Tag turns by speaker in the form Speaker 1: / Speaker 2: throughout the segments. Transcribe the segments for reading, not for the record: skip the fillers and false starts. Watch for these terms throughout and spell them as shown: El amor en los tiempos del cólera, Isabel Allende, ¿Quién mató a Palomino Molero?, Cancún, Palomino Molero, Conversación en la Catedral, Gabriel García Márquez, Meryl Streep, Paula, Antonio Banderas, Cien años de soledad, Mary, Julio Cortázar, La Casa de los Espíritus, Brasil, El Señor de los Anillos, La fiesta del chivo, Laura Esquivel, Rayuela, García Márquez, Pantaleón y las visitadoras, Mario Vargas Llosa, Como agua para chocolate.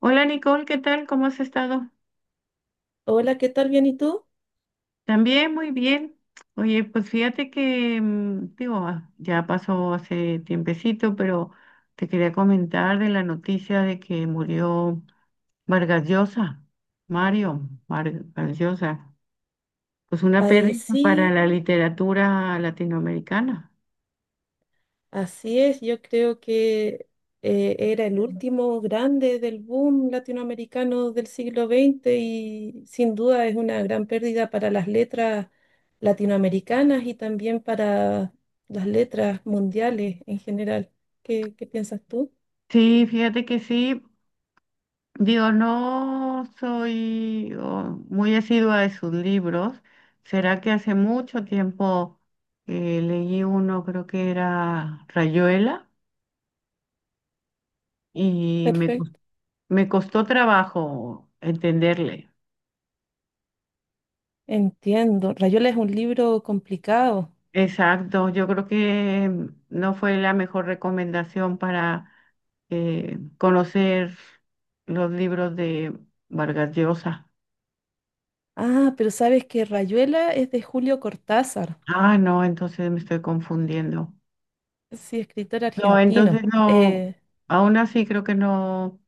Speaker 1: Hola Nicole, ¿qué tal? ¿Cómo has estado?
Speaker 2: Hola, ¿qué tal? ¿Bien y tú?
Speaker 1: También muy bien. Oye, pues fíjate que, digo, ya pasó hace tiempecito, pero te quería comentar de la noticia de que murió Vargas Llosa, Vargas Llosa. Pues una
Speaker 2: Eh,
Speaker 1: pérdida para
Speaker 2: sí,
Speaker 1: la literatura latinoamericana.
Speaker 2: así es. Yo creo que era el último grande del boom latinoamericano del siglo XX y sin duda es una gran pérdida para las letras latinoamericanas y también para las letras mundiales en general. ¿Qué piensas tú?
Speaker 1: Sí, fíjate que sí. Digo, no soy muy asidua de sus libros. ¿Será que hace mucho tiempo leí uno, creo que era Rayuela, y
Speaker 2: Perfecto.
Speaker 1: me costó trabajo entenderle?
Speaker 2: Entiendo. Rayuela es un libro complicado.
Speaker 1: Exacto, yo creo que no fue la mejor recomendación para conocer los libros de Vargas Llosa.
Speaker 2: Ah, pero sabes que Rayuela es de Julio Cortázar,
Speaker 1: Ah, no, entonces me estoy confundiendo.
Speaker 2: sí, escritor
Speaker 1: No, entonces
Speaker 2: argentino.
Speaker 1: no, aún así creo que no,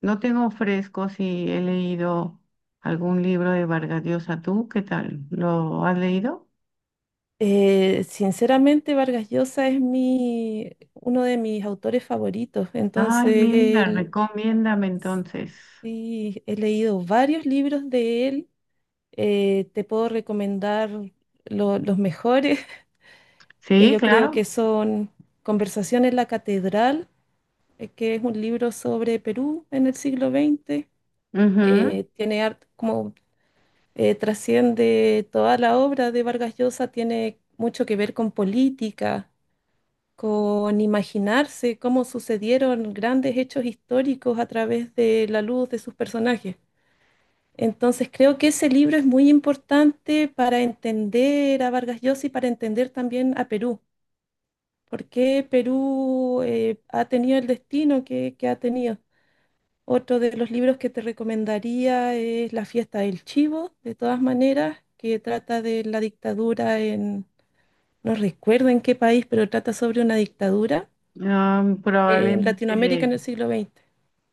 Speaker 1: no tengo fresco si he leído algún libro de Vargas Llosa. ¿Tú qué tal? ¿Lo has leído?
Speaker 2: Sinceramente, Vargas Llosa es uno de mis autores favoritos.
Speaker 1: Ay,
Speaker 2: Entonces,
Speaker 1: mira,
Speaker 2: él,
Speaker 1: recomiéndame entonces.
Speaker 2: sí, he leído varios libros de él. Te puedo recomendar los mejores, que
Speaker 1: Sí,
Speaker 2: yo creo
Speaker 1: claro.
Speaker 2: que son Conversación en la Catedral, que es un libro sobre Perú en el siglo XX.
Speaker 1: Ujú.
Speaker 2: Tiene como trasciende toda la obra de Vargas Llosa, tiene mucho que ver con política, con imaginarse cómo sucedieron grandes hechos históricos a través de la luz de sus personajes. Entonces creo que ese libro es muy importante para entender a Vargas Llosa y para entender también a Perú, porque Perú ha tenido el destino que ha tenido. Otro de los libros que te recomendaría es La fiesta del chivo, de todas maneras, que trata de la dictadura en, no recuerdo en qué país, pero trata sobre una dictadura
Speaker 1: Ah,
Speaker 2: en Latinoamérica
Speaker 1: probablemente,
Speaker 2: en el siglo XX.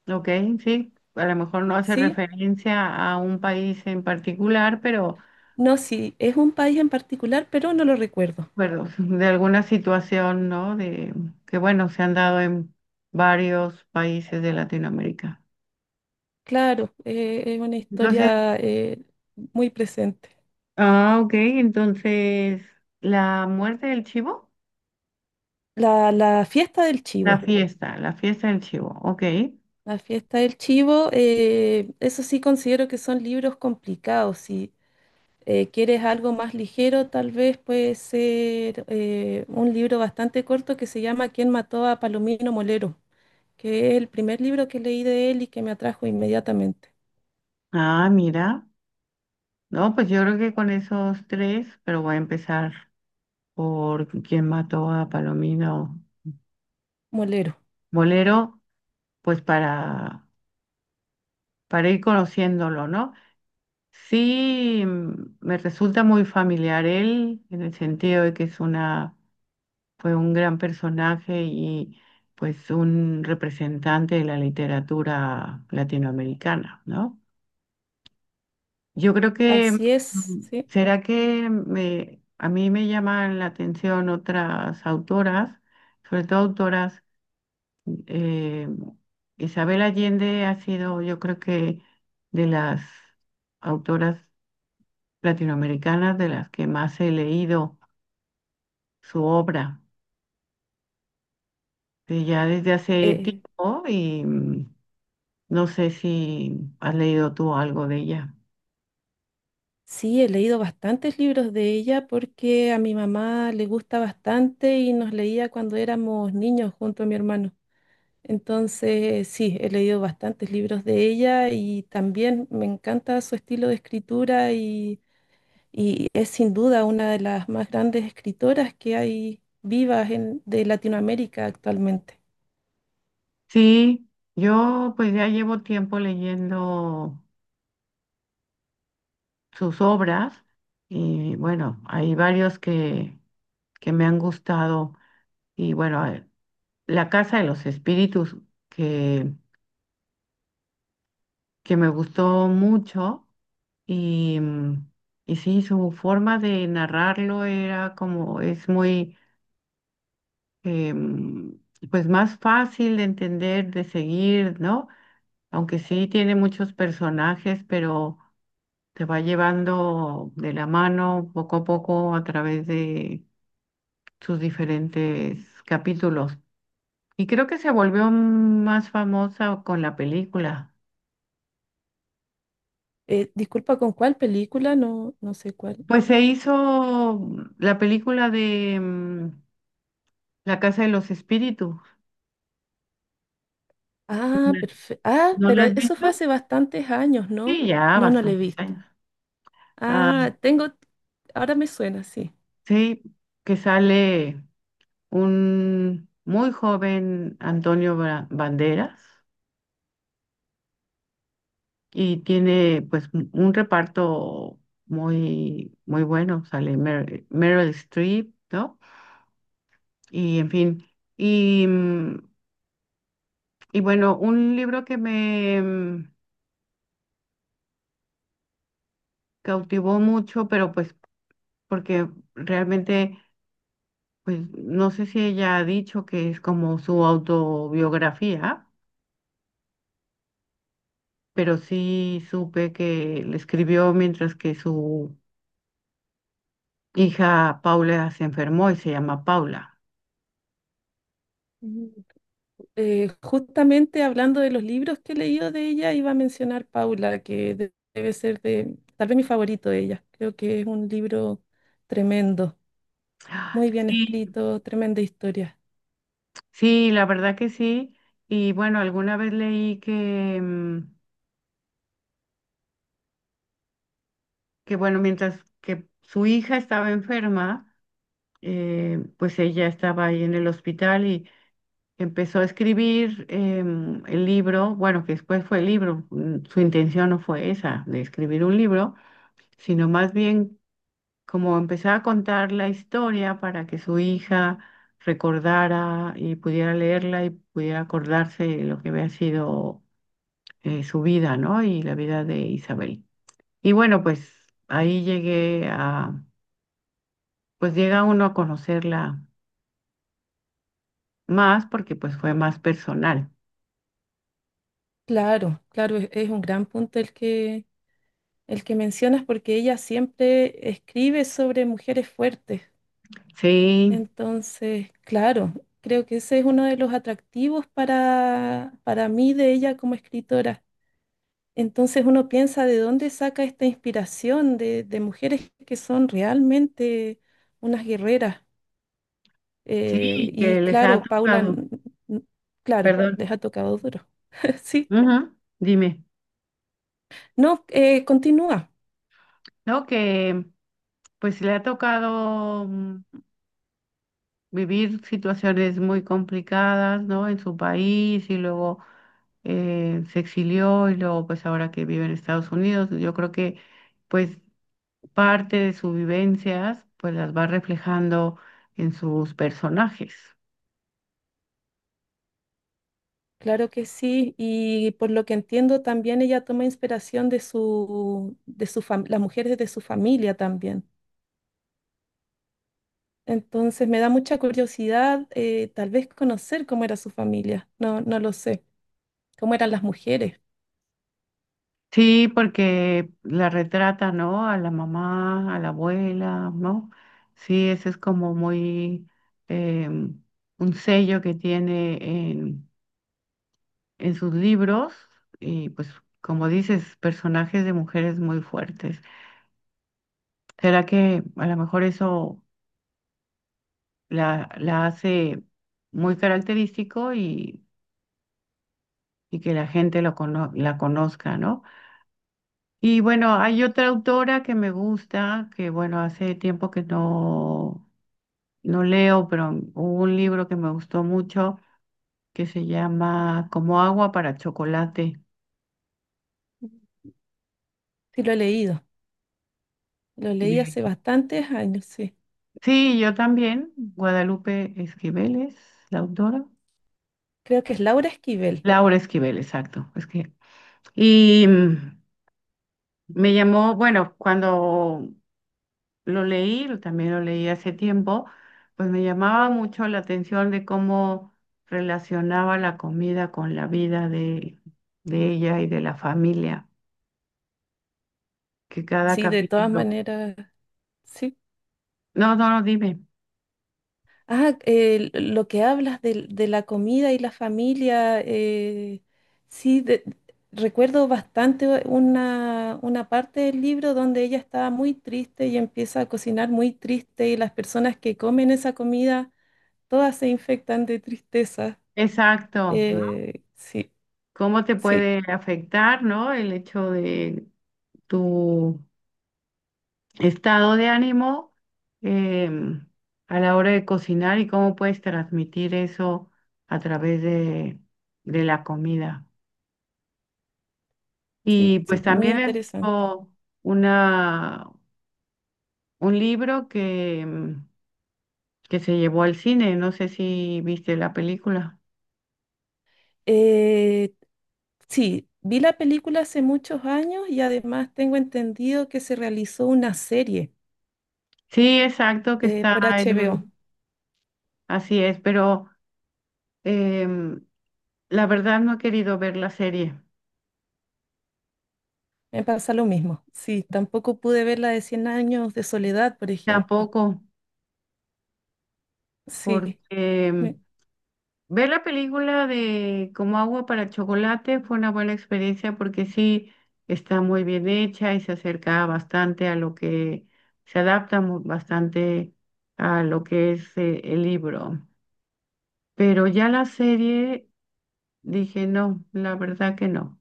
Speaker 1: ok, sí. A lo mejor no hace
Speaker 2: Sí,
Speaker 1: referencia a un país en particular, pero
Speaker 2: no, sí, es un país en particular, pero no lo recuerdo.
Speaker 1: recuerdo de alguna situación, ¿no? De que bueno, se han dado en varios países de Latinoamérica.
Speaker 2: Claro, es una
Speaker 1: Entonces,
Speaker 2: historia muy presente.
Speaker 1: ah, ok, entonces, la muerte del chivo,
Speaker 2: La fiesta del chivo.
Speaker 1: la fiesta del chivo, ok.
Speaker 2: La fiesta del chivo, eso sí considero que son libros complicados. Si quieres algo más ligero, tal vez puede ser un libro bastante corto que se llama ¿Quién mató a Palomino Molero?, que es el primer libro que leí de él y que me atrajo inmediatamente.
Speaker 1: Ah, mira, no, pues yo creo que con esos tres, pero voy a empezar por quién mató a Palomino
Speaker 2: Molero.
Speaker 1: Molero, pues para ir conociéndolo, ¿no? Sí, me resulta muy familiar él, en el sentido de que fue un gran personaje y pues un representante de la literatura latinoamericana, ¿no? Yo creo que,
Speaker 2: Así es,
Speaker 1: mm,
Speaker 2: sí.
Speaker 1: ¿será que a mí me llaman la atención otras autoras, sobre todo autoras, eh, Isabel Allende ha sido, yo creo que, de las autoras latinoamericanas de las que más he leído su obra de ya desde hace
Speaker 2: Eh,
Speaker 1: tiempo y no sé si has leído tú algo de ella.
Speaker 2: sí, he leído bastantes libros de ella porque a mi mamá le gusta bastante y nos leía cuando éramos niños junto a mi hermano. Entonces, sí, he leído bastantes libros de ella y también me encanta su estilo de escritura y es sin duda una de las más grandes escritoras que hay vivas de Latinoamérica actualmente.
Speaker 1: Sí, yo pues ya llevo tiempo leyendo sus obras y bueno, hay varios que me han gustado y bueno, La Casa de los Espíritus que, que me gustó mucho. Y, y sí, su forma de narrarlo era como, es muy, em, pues más fácil de entender, de seguir, ¿no? Aunque sí tiene muchos personajes, pero te va llevando de la mano poco a poco a través de sus diferentes capítulos. Y creo que se volvió más famosa con la película.
Speaker 2: Disculpa, ¿con cuál película? No, no sé cuál.
Speaker 1: Pues se hizo la película de La Casa de los Espíritus.
Speaker 2: Ah, perfecto. Ah,
Speaker 1: ¿No
Speaker 2: pero
Speaker 1: la has
Speaker 2: eso fue
Speaker 1: visto?
Speaker 2: hace bastantes años, ¿no?
Speaker 1: Sí, ya
Speaker 2: No, no lo he
Speaker 1: bastantes
Speaker 2: visto.
Speaker 1: años. Ah,
Speaker 2: Ah, tengo, ahora me suena, sí.
Speaker 1: sí, que sale un muy joven Banderas y tiene pues un reparto muy bueno. Sale Meryl Streep, ¿no? Y en fin. Y, y bueno, un libro que cautivó mucho, pero pues porque realmente, pues no sé si ella ha dicho que es como su autobiografía, pero sí supe que le escribió mientras que su hija Paula se enfermó y se llama Paula.
Speaker 2: Mm, Justamente hablando de los libros que he leído de ella, iba a mencionar Paula, que debe ser de, tal vez mi favorito de ella. Creo que es un libro tremendo,
Speaker 1: Ah,
Speaker 2: muy bien
Speaker 1: sí,
Speaker 2: escrito, tremenda historia.
Speaker 1: sí, la verdad que sí. Y bueno, alguna vez leí que, que bueno, mientras que su hija estaba enferma, pues ella estaba ahí en el hospital y empezó a escribir el libro, bueno, que después fue el libro, su intención no fue esa, de escribir un libro, sino más bien como empezar a contar la historia para que su hija recordara y pudiera leerla y pudiera acordarse de lo que había sido su vida, ¿no? Y la vida de Isabel. Y bueno, pues ahí pues llega uno a conocerla más porque pues fue más personal.
Speaker 2: Claro, claro, es un gran punto el que mencionas porque ella siempre escribe sobre mujeres fuertes.
Speaker 1: Sí.
Speaker 2: Entonces, claro, creo que ese es uno de los atractivos para mí de ella como escritora. Entonces uno piensa de dónde saca esta inspiración de mujeres que son realmente unas guerreras.
Speaker 1: Sí,
Speaker 2: Y
Speaker 1: que les ha
Speaker 2: claro, Paula,
Speaker 1: tocado,
Speaker 2: n- claro,
Speaker 1: perdón,
Speaker 2: les ha tocado duro. Sí,
Speaker 1: ujú, dime,
Speaker 2: no, continúa.
Speaker 1: ¿no? Que pues le ha tocado vivir situaciones muy complicadas, ¿no? En su país y luego se exilió y luego pues ahora que vive en Estados Unidos, yo creo que pues parte de sus vivencias pues las va reflejando en sus personajes.
Speaker 2: Claro que sí, y por lo que entiendo también ella toma inspiración de de su las mujeres de su familia también. Entonces me da mucha curiosidad, tal vez conocer cómo era su familia. No, no lo sé. Cómo eran las mujeres.
Speaker 1: Sí, porque la retrata, ¿no? A la mamá, a la abuela, ¿no? Sí, ese es como muy eh, un sello que tiene en, en sus libros y pues como dices, personajes de mujeres muy fuertes. ¿Será que a lo mejor eso la hace muy característico y que la gente la conozca, ¿no? Y bueno, hay otra autora que me gusta, que bueno, hace tiempo que no, no leo, pero hubo un libro que me gustó mucho que se llama Como agua para chocolate.
Speaker 2: Sí, lo he leído. Lo leí hace
Speaker 1: de-
Speaker 2: bastantes años, sí.
Speaker 1: Sí, yo también, Guadalupe Esquivel es la autora.
Speaker 2: Creo que es Laura Esquivel.
Speaker 1: Laura Esquivel, exacto. Es que... Y me llamó, bueno, cuando lo leí, también lo leí hace tiempo, pues me llamaba mucho la atención de cómo relacionaba la comida con la vida de ella y de la familia, que cada
Speaker 2: Sí, de todas
Speaker 1: capítulo.
Speaker 2: maneras, sí.
Speaker 1: No, no, no, dime.
Speaker 2: Ah, lo que hablas de la comida y la familia, sí, recuerdo bastante una parte del libro donde ella estaba muy triste y empieza a cocinar muy triste y las personas que comen esa comida todas se infectan de tristeza.
Speaker 1: Exacto, ¿no?
Speaker 2: Eh, sí,
Speaker 1: ¿Cómo te
Speaker 2: sí,
Speaker 1: puede afectar, ¿no? El hecho de tu estado de ánimo em, a la hora de cocinar y cómo puedes transmitir eso a través de la comida. Y
Speaker 2: sí,
Speaker 1: pues
Speaker 2: muy
Speaker 1: también es
Speaker 2: interesante.
Speaker 1: una, un libro que, que se llevó al cine, no sé si viste la película.
Speaker 2: Eh, sí, vi la película hace muchos años y además tengo entendido que se realizó una serie
Speaker 1: Sí, exacto, que está
Speaker 2: por
Speaker 1: en
Speaker 2: HBO.
Speaker 1: un... Así es, pero... em, la verdad no he querido ver la serie,
Speaker 2: Me pasa lo mismo. Sí, tampoco pude ver la de Cien años de soledad, por ejemplo.
Speaker 1: tampoco,
Speaker 2: Sí,
Speaker 1: porque
Speaker 2: me-
Speaker 1: ver la película de Como agua para chocolate fue una buena experiencia porque sí está muy bien hecha y se acerca bastante a lo que se adapta bastante a lo que es el libro. Pero ya la serie dije no, la verdad que no.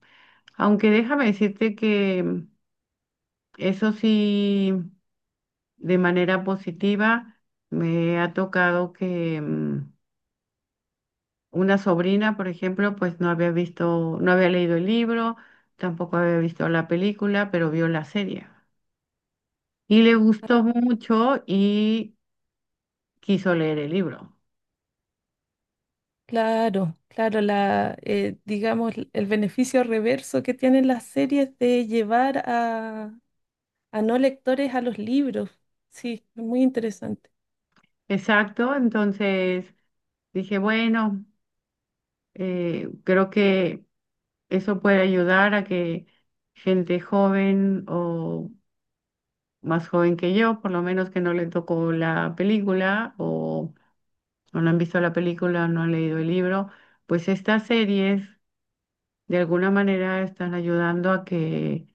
Speaker 1: Aunque déjame decirte que eso sí, de manera positiva. Me ha tocado que una sobrina, por ejemplo, pues no había visto, no había leído el libro, tampoco había visto la película, pero vio la serie. Y le gustó mucho y quiso leer el libro.
Speaker 2: Claro, claro, digamos, el beneficio reverso que tienen las series de llevar a no lectores a los libros. Sí, es muy interesante.
Speaker 1: Exacto, entonces dije, bueno, creo que eso puede ayudar a que gente joven o más joven que yo, por lo menos que no le tocó la película o no han visto la película, no han leído el libro, pues estas series de alguna manera están ayudando a que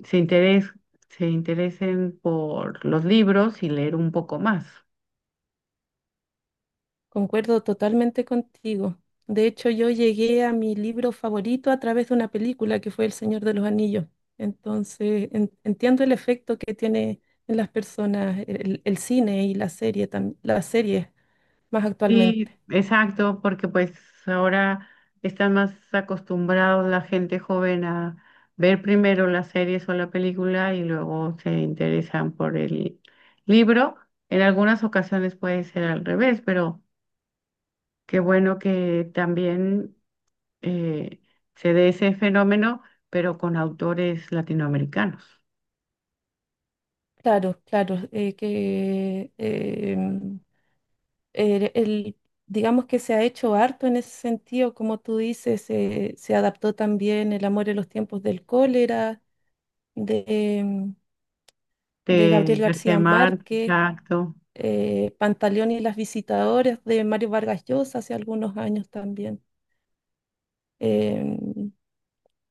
Speaker 1: se interes- se interesen por los libros y leer un poco más.
Speaker 2: Concuerdo totalmente contigo. De hecho, yo llegué a mi libro favorito a través de una película que fue El Señor de los Anillos. Entonces, entiendo el efecto que tiene en las personas el cine y la serie, las series más actualmente.
Speaker 1: Sí, exacto, porque pues ahora están más acostumbrados la gente joven a ver primero las series o la película y luego se interesan por el libro. En algunas ocasiones puede ser al revés, pero qué bueno que también eh, se dé ese fenómeno, pero con autores latinoamericanos.
Speaker 2: Claro, claro, el, el- digamos que se ha hecho harto en ese sentido, como tú dices, se adaptó también El amor en los tiempos del cólera, de, de
Speaker 1: De
Speaker 2: Gabriel
Speaker 1: García
Speaker 2: García
Speaker 1: Márquez,
Speaker 2: Márquez,
Speaker 1: exacto,
Speaker 2: Pantaleón y las visitadoras de Mario Vargas Llosa hace algunos años también. Em,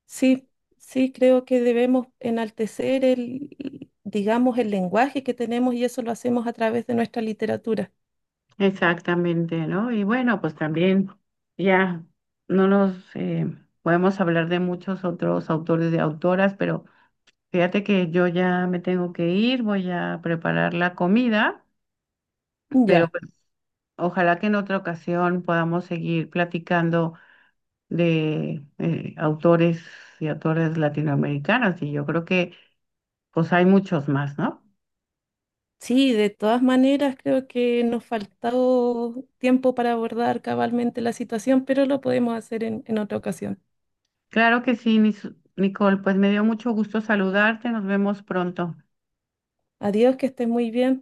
Speaker 2: sí, sí, creo que debemos enaltecer el, digamos, el lenguaje que tenemos y eso lo hacemos a través de nuestra literatura.
Speaker 1: exactamente, ¿no? Y bueno, pues también ya no nos podemos hablar de muchos otros autores de autoras, pero fíjate que yo ya me tengo que ir, voy a preparar la comida, pero
Speaker 2: Ya.
Speaker 1: pues ojalá que en otra ocasión podamos seguir platicando de autores y autores latinoamericanos. Y yo creo que pues hay muchos más, ¿no?
Speaker 2: Sí, de todas maneras creo que nos faltó tiempo para abordar cabalmente la situación, pero lo podemos hacer en otra ocasión.
Speaker 1: Claro que sí, Nicole, pues me dio mucho gusto saludarte, nos vemos pronto.
Speaker 2: Adiós, que estés muy bien.